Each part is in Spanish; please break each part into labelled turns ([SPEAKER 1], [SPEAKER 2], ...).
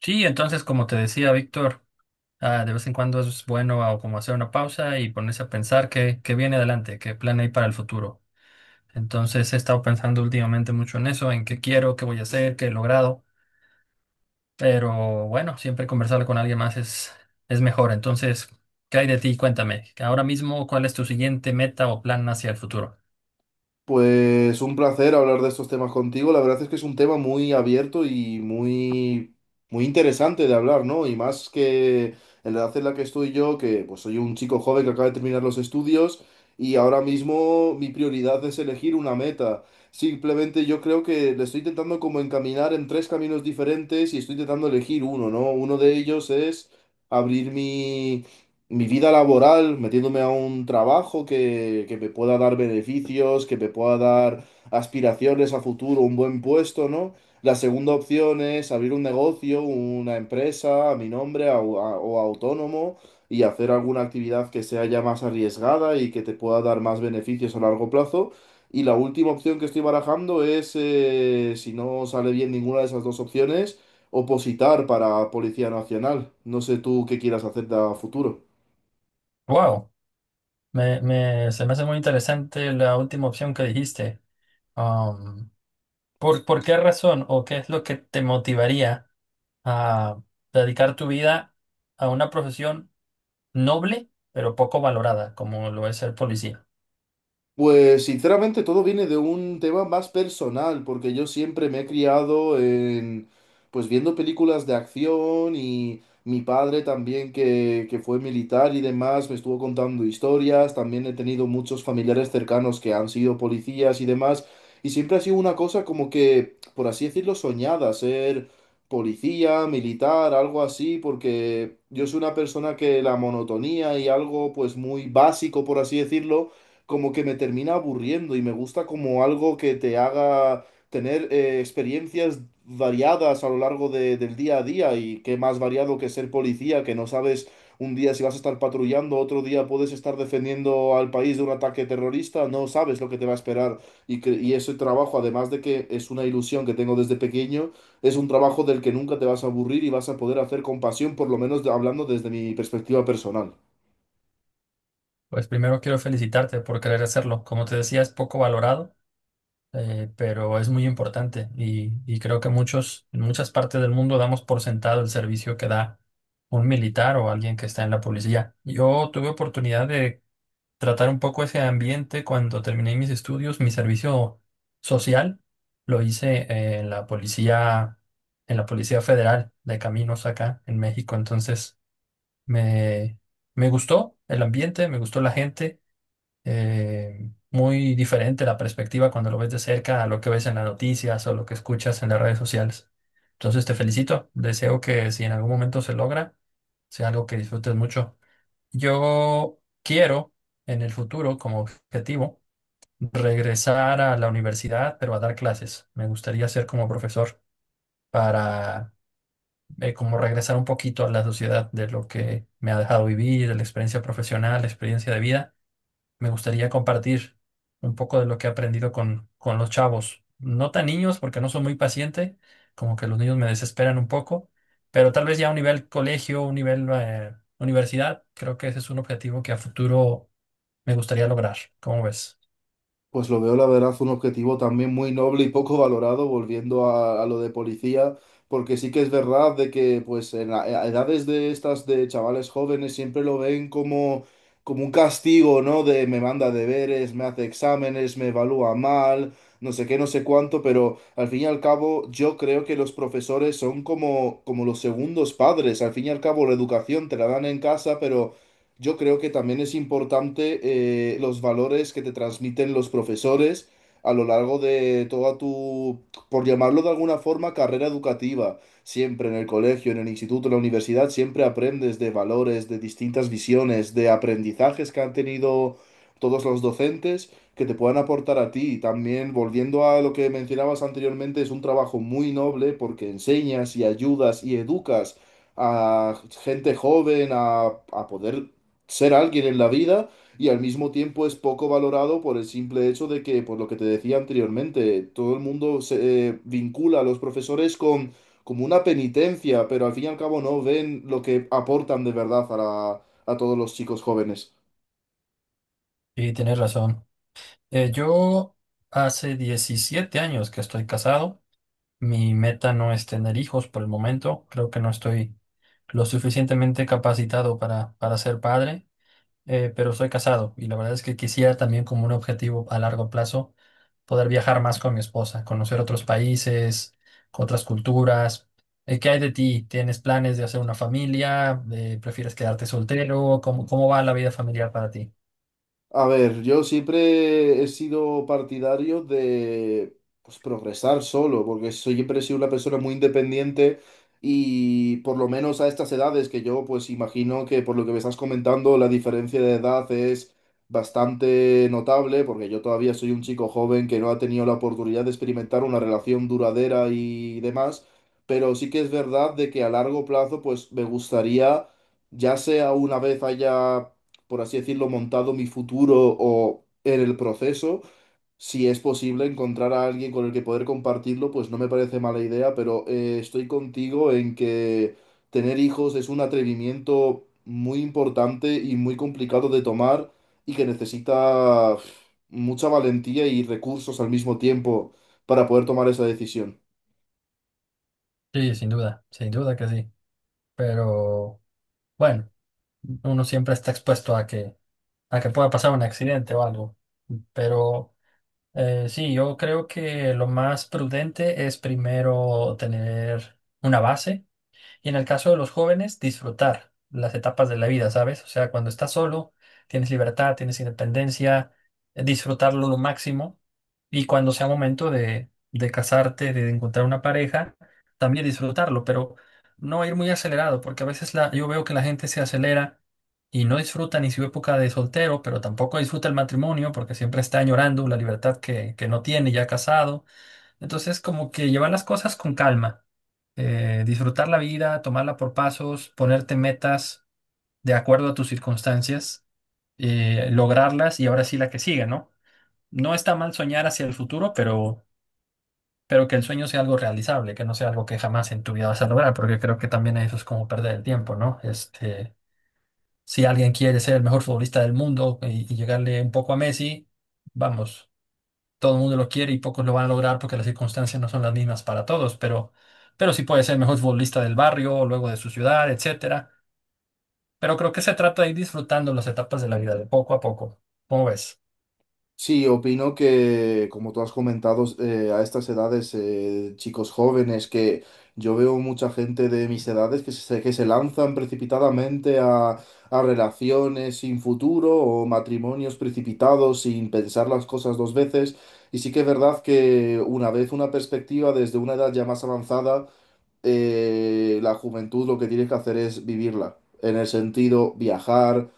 [SPEAKER 1] Sí, entonces, como te decía Víctor, de vez en cuando es bueno como hacer una pausa y ponerse a pensar qué viene adelante, qué plan hay para el futuro. Entonces, he estado pensando últimamente mucho en eso, en qué quiero, qué voy a hacer, qué he logrado, pero bueno, siempre conversar con alguien más es mejor. Entonces, ¿qué hay de ti? Cuéntame, ahora mismo, ¿cuál es tu siguiente meta o plan hacia el futuro?
[SPEAKER 2] Pues un placer hablar de estos temas contigo. La verdad es que es un tema muy abierto y muy interesante de hablar, ¿no? Y más que en la edad en la que estoy yo, que pues soy un chico joven que acaba de terminar los estudios y ahora mismo mi prioridad es elegir una meta. Simplemente yo creo que le estoy intentando como encaminar en tres caminos diferentes y estoy intentando elegir uno, ¿no? Uno de ellos es abrir mi vida laboral, metiéndome a un trabajo que me pueda dar beneficios, que me pueda dar aspiraciones a futuro, un buen puesto, ¿no? La segunda opción es abrir un negocio, una empresa a mi nombre o autónomo y hacer alguna actividad que sea ya más arriesgada y que te pueda dar más beneficios a largo plazo. Y la última opción que estoy barajando es, si no sale bien ninguna de esas dos opciones, opositar para Policía Nacional. No sé tú qué quieras hacer a futuro.
[SPEAKER 1] Wow, se me hace muy interesante la última opción que dijiste. ¿ por qué razón o qué es lo que te motivaría a dedicar tu vida a una profesión noble, pero poco valorada, ¿como lo es ser policía?
[SPEAKER 2] Pues sinceramente todo viene de un tema más personal, porque yo siempre me he criado en, pues viendo películas de acción y mi padre también que fue militar y demás me estuvo contando historias, también he tenido muchos familiares cercanos que han sido policías y demás, y siempre ha sido una cosa como que, por así decirlo, soñada, ser policía, militar, algo así, porque yo soy una persona que la monotonía y algo pues muy básico, por así decirlo, como que me termina aburriendo y me gusta como algo que te haga tener experiencias variadas a lo largo del día a día y qué más variado que ser policía, que no sabes un día si vas a estar patrullando, otro día puedes estar defendiendo al país de un ataque terrorista, no sabes lo que te va a esperar y ese trabajo, además de que es una ilusión que tengo desde pequeño, es un trabajo del que nunca te vas a aburrir y vas a poder hacer con pasión, por lo menos hablando desde mi perspectiva personal.
[SPEAKER 1] Pues primero quiero felicitarte por querer hacerlo. Como te decía, es poco valorado, pero es muy importante y creo que muchos, en muchas partes del mundo damos por sentado el servicio que da un militar o alguien que está en la policía. Yo tuve oportunidad de tratar un poco ese ambiente cuando terminé mis estudios, mi servicio social lo hice en la Policía Federal de Caminos acá en México. Entonces me, me gustó el ambiente, me gustó la gente, muy diferente la perspectiva cuando lo ves de cerca a lo que ves en las noticias o lo que escuchas en las redes sociales. Entonces te felicito, deseo que si en algún momento se logra, sea algo que disfrutes mucho. Yo quiero en el futuro, como objetivo, regresar a la universidad, pero a dar clases. Me gustaría ser como profesor para como regresar un poquito a la sociedad de lo que me ha dejado vivir, de la experiencia profesional, la experiencia de vida. Me gustaría compartir un poco de lo que he aprendido con los chavos. No tan niños, porque no soy muy paciente, como que los niños me desesperan un poco, pero tal vez ya a un nivel colegio, un nivel universidad, creo que ese es un objetivo que a futuro me gustaría lograr. ¿Cómo ves?
[SPEAKER 2] Pues lo veo, la verdad, un objetivo también muy noble y poco valorado, volviendo a lo de policía, porque sí que es verdad de que, pues, en a edades de estas de chavales jóvenes siempre lo ven como, como un castigo, ¿no? De me manda deberes, me hace exámenes, me evalúa mal, no sé qué, no sé cuánto, pero al fin y al cabo yo creo que los profesores son como, como los segundos padres. Al fin y al cabo la educación te la dan en casa, pero yo creo que también es importante los valores que te transmiten los profesores a lo largo de toda tu, por llamarlo de alguna forma, carrera educativa. Siempre en el colegio, en el instituto, en la universidad, siempre aprendes de valores, de distintas visiones, de aprendizajes que han tenido todos los docentes que te puedan aportar a ti. Y también, volviendo a lo que mencionabas anteriormente, es un trabajo muy noble porque enseñas y ayudas y educas a gente joven a poder ser alguien en la vida y al mismo tiempo es poco valorado por el simple hecho de que, por lo que te decía anteriormente, todo el mundo se vincula a los profesores con como una penitencia, pero al fin y al cabo no ven lo que aportan de verdad a a todos los chicos jóvenes.
[SPEAKER 1] Y tienes razón. Yo hace 17 años que estoy casado. Mi meta no es tener hijos por el momento. Creo que no estoy lo suficientemente capacitado para ser padre, pero soy casado y la verdad es que quisiera también como un objetivo a largo plazo poder viajar más con mi esposa, conocer otros países, otras culturas. ¿Qué hay de ti? ¿Tienes planes de hacer una familia? ¿Prefieres quedarte soltero? ¿ cómo va la vida familiar para ti?
[SPEAKER 2] A ver, yo siempre he sido partidario de pues, progresar solo, porque siempre he sido una persona muy independiente y por lo menos a estas edades que yo pues imagino que por lo que me estás comentando la diferencia de edad es bastante notable, porque yo todavía soy un chico joven que no ha tenido la oportunidad de experimentar una relación duradera y demás, pero sí que es verdad de que a largo plazo pues me gustaría ya sea una vez haya por así decirlo, montado mi futuro o en el proceso. Si es posible encontrar a alguien con el que poder compartirlo, pues no me parece mala idea, pero estoy contigo en que tener hijos es un atrevimiento muy importante y muy complicado de tomar y que necesita uf, mucha valentía y recursos al mismo tiempo para poder tomar esa decisión.
[SPEAKER 1] Sí, sin duda, sin duda que sí. Pero bueno, uno siempre está expuesto a a que pueda pasar un accidente o algo. Pero sí, yo creo que lo más prudente es primero tener una base. Y en el caso de los jóvenes, disfrutar las etapas de la vida, ¿sabes? O sea, cuando estás solo, tienes libertad, tienes independencia, disfrutarlo lo máximo. Y cuando sea momento de casarte, de encontrar una pareja, también disfrutarlo, pero no ir muy acelerado, porque a veces yo veo que la gente se acelera y no disfruta ni su época de soltero, pero tampoco disfruta el matrimonio porque siempre está añorando la libertad que no tiene ya casado. Entonces, como que llevar las cosas con calma, disfrutar la vida, tomarla por pasos, ponerte metas de acuerdo a tus circunstancias, lograrlas y ahora sí la que sigue, ¿no? No está mal soñar hacia el futuro, pero que el sueño sea algo realizable, que no sea algo que jamás en tu vida vas a lograr, porque creo que también eso es como perder el tiempo, ¿no? Este, si alguien quiere ser el mejor futbolista del mundo y llegarle un poco a Messi, vamos, todo el mundo lo quiere y pocos lo van a lograr porque las circunstancias no son las mismas para todos, pero sí puede ser el mejor futbolista del barrio, luego de su ciudad, etcétera. Pero creo que se trata de ir disfrutando las etapas de la vida de poco a poco. ¿Cómo ves?
[SPEAKER 2] Sí, opino que, como tú has comentado, a estas edades, chicos jóvenes, que yo veo mucha gente de mis edades que se lanzan precipitadamente a relaciones sin futuro o matrimonios precipitados sin pensar las cosas dos veces. Y sí que es verdad que una vez una perspectiva desde una edad ya más avanzada la juventud lo que tienes que hacer es vivirla, en el sentido viajar,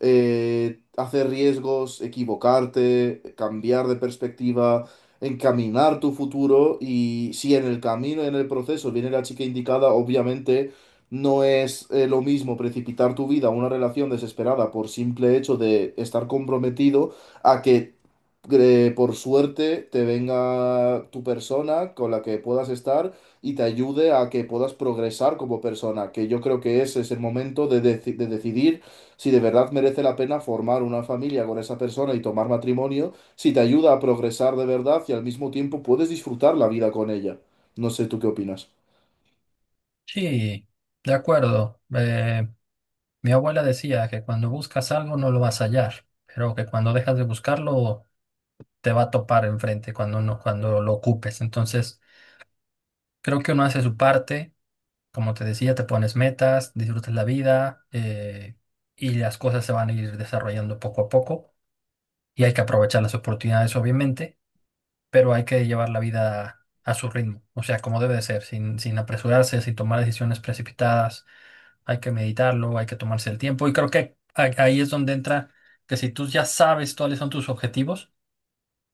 [SPEAKER 2] hacer riesgos, equivocarte, cambiar de perspectiva, encaminar tu futuro y si en el camino, en el proceso viene la chica indicada, obviamente no es lo mismo precipitar tu vida a una relación desesperada por simple hecho de estar comprometido a que por suerte te venga tu persona con la que puedas estar y te ayude a que puedas progresar como persona, que yo creo que ese es el momento de, de decidir si de verdad merece la pena formar una familia con esa persona y tomar matrimonio, si te ayuda a progresar de verdad y al mismo tiempo puedes disfrutar la vida con ella. No sé, ¿tú qué opinas?
[SPEAKER 1] Sí, de acuerdo. Mi abuela decía que cuando buscas algo no lo vas a hallar, pero que cuando dejas de buscarlo te va a topar enfrente cuando no, cuando lo ocupes. Entonces, creo que uno hace su parte. Como te decía, te pones metas, disfrutas la vida, y las cosas se van a ir desarrollando poco a poco y hay que aprovechar las oportunidades, obviamente, pero hay que llevar la vida a su ritmo, o sea, como debe de ser, sin apresurarse, sin tomar decisiones precipitadas, hay que meditarlo, hay que tomarse el tiempo y creo que ahí es donde entra que si tú ya sabes cuáles son tus objetivos,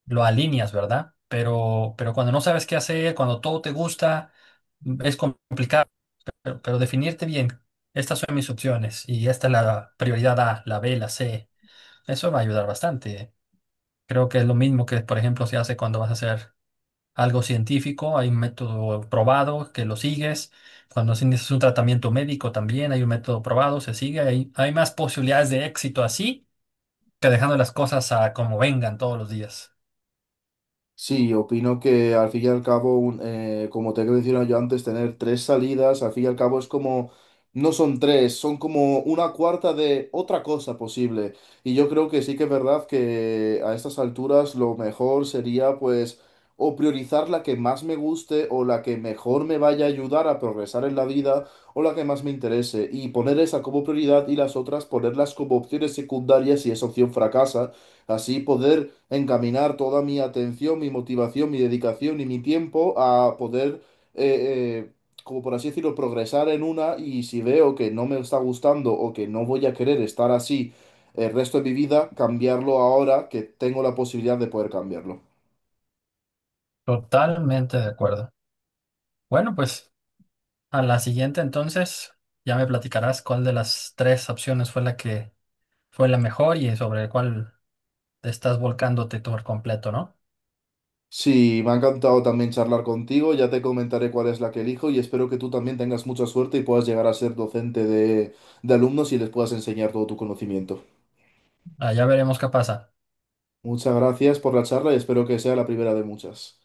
[SPEAKER 1] lo alineas, ¿verdad? Pero cuando no sabes qué hacer, cuando todo te gusta, es complicado. Pero definirte bien, estas son mis opciones y esta es la prioridad A, la B, la C. Eso va a ayudar bastante. ¿Eh? Creo que es lo mismo que, por ejemplo, se hace cuando vas a hacer algo científico. Hay un método probado que lo sigues. Cuando si necesitas un tratamiento médico también hay un método probado, se sigue. Hay más posibilidades de éxito así que dejando las cosas a como vengan todos los días.
[SPEAKER 2] Sí, opino que al fin y al cabo, como te he mencionado yo antes, tener tres salidas, al fin y al cabo es como, no son tres, son como una cuarta de otra cosa posible. Y yo creo que sí que es verdad que a estas alturas lo mejor sería pues o priorizar la que más me guste o la que mejor me vaya a ayudar a progresar en la vida o la que más me interese y poner esa como prioridad y las otras ponerlas como opciones secundarias si esa opción fracasa. Así poder encaminar toda mi atención, mi motivación, mi dedicación y mi tiempo a poder, eh, eh, como por así decirlo, progresar en una y si veo que no me está gustando o que no voy a querer estar así el resto de mi vida, cambiarlo ahora que tengo la posibilidad de poder cambiarlo.
[SPEAKER 1] Totalmente de acuerdo. Bueno, pues a la siguiente entonces ya me platicarás cuál de las tres opciones fue la que fue la mejor y sobre el cual te estás volcándote por completo, ¿no?
[SPEAKER 2] Sí, me ha encantado también charlar contigo, ya te comentaré cuál es la que elijo y espero que tú también tengas mucha suerte y puedas llegar a ser docente de alumnos y les puedas enseñar todo tu conocimiento.
[SPEAKER 1] Ah, ya veremos qué pasa.
[SPEAKER 2] Muchas gracias por la charla y espero que sea la primera de muchas.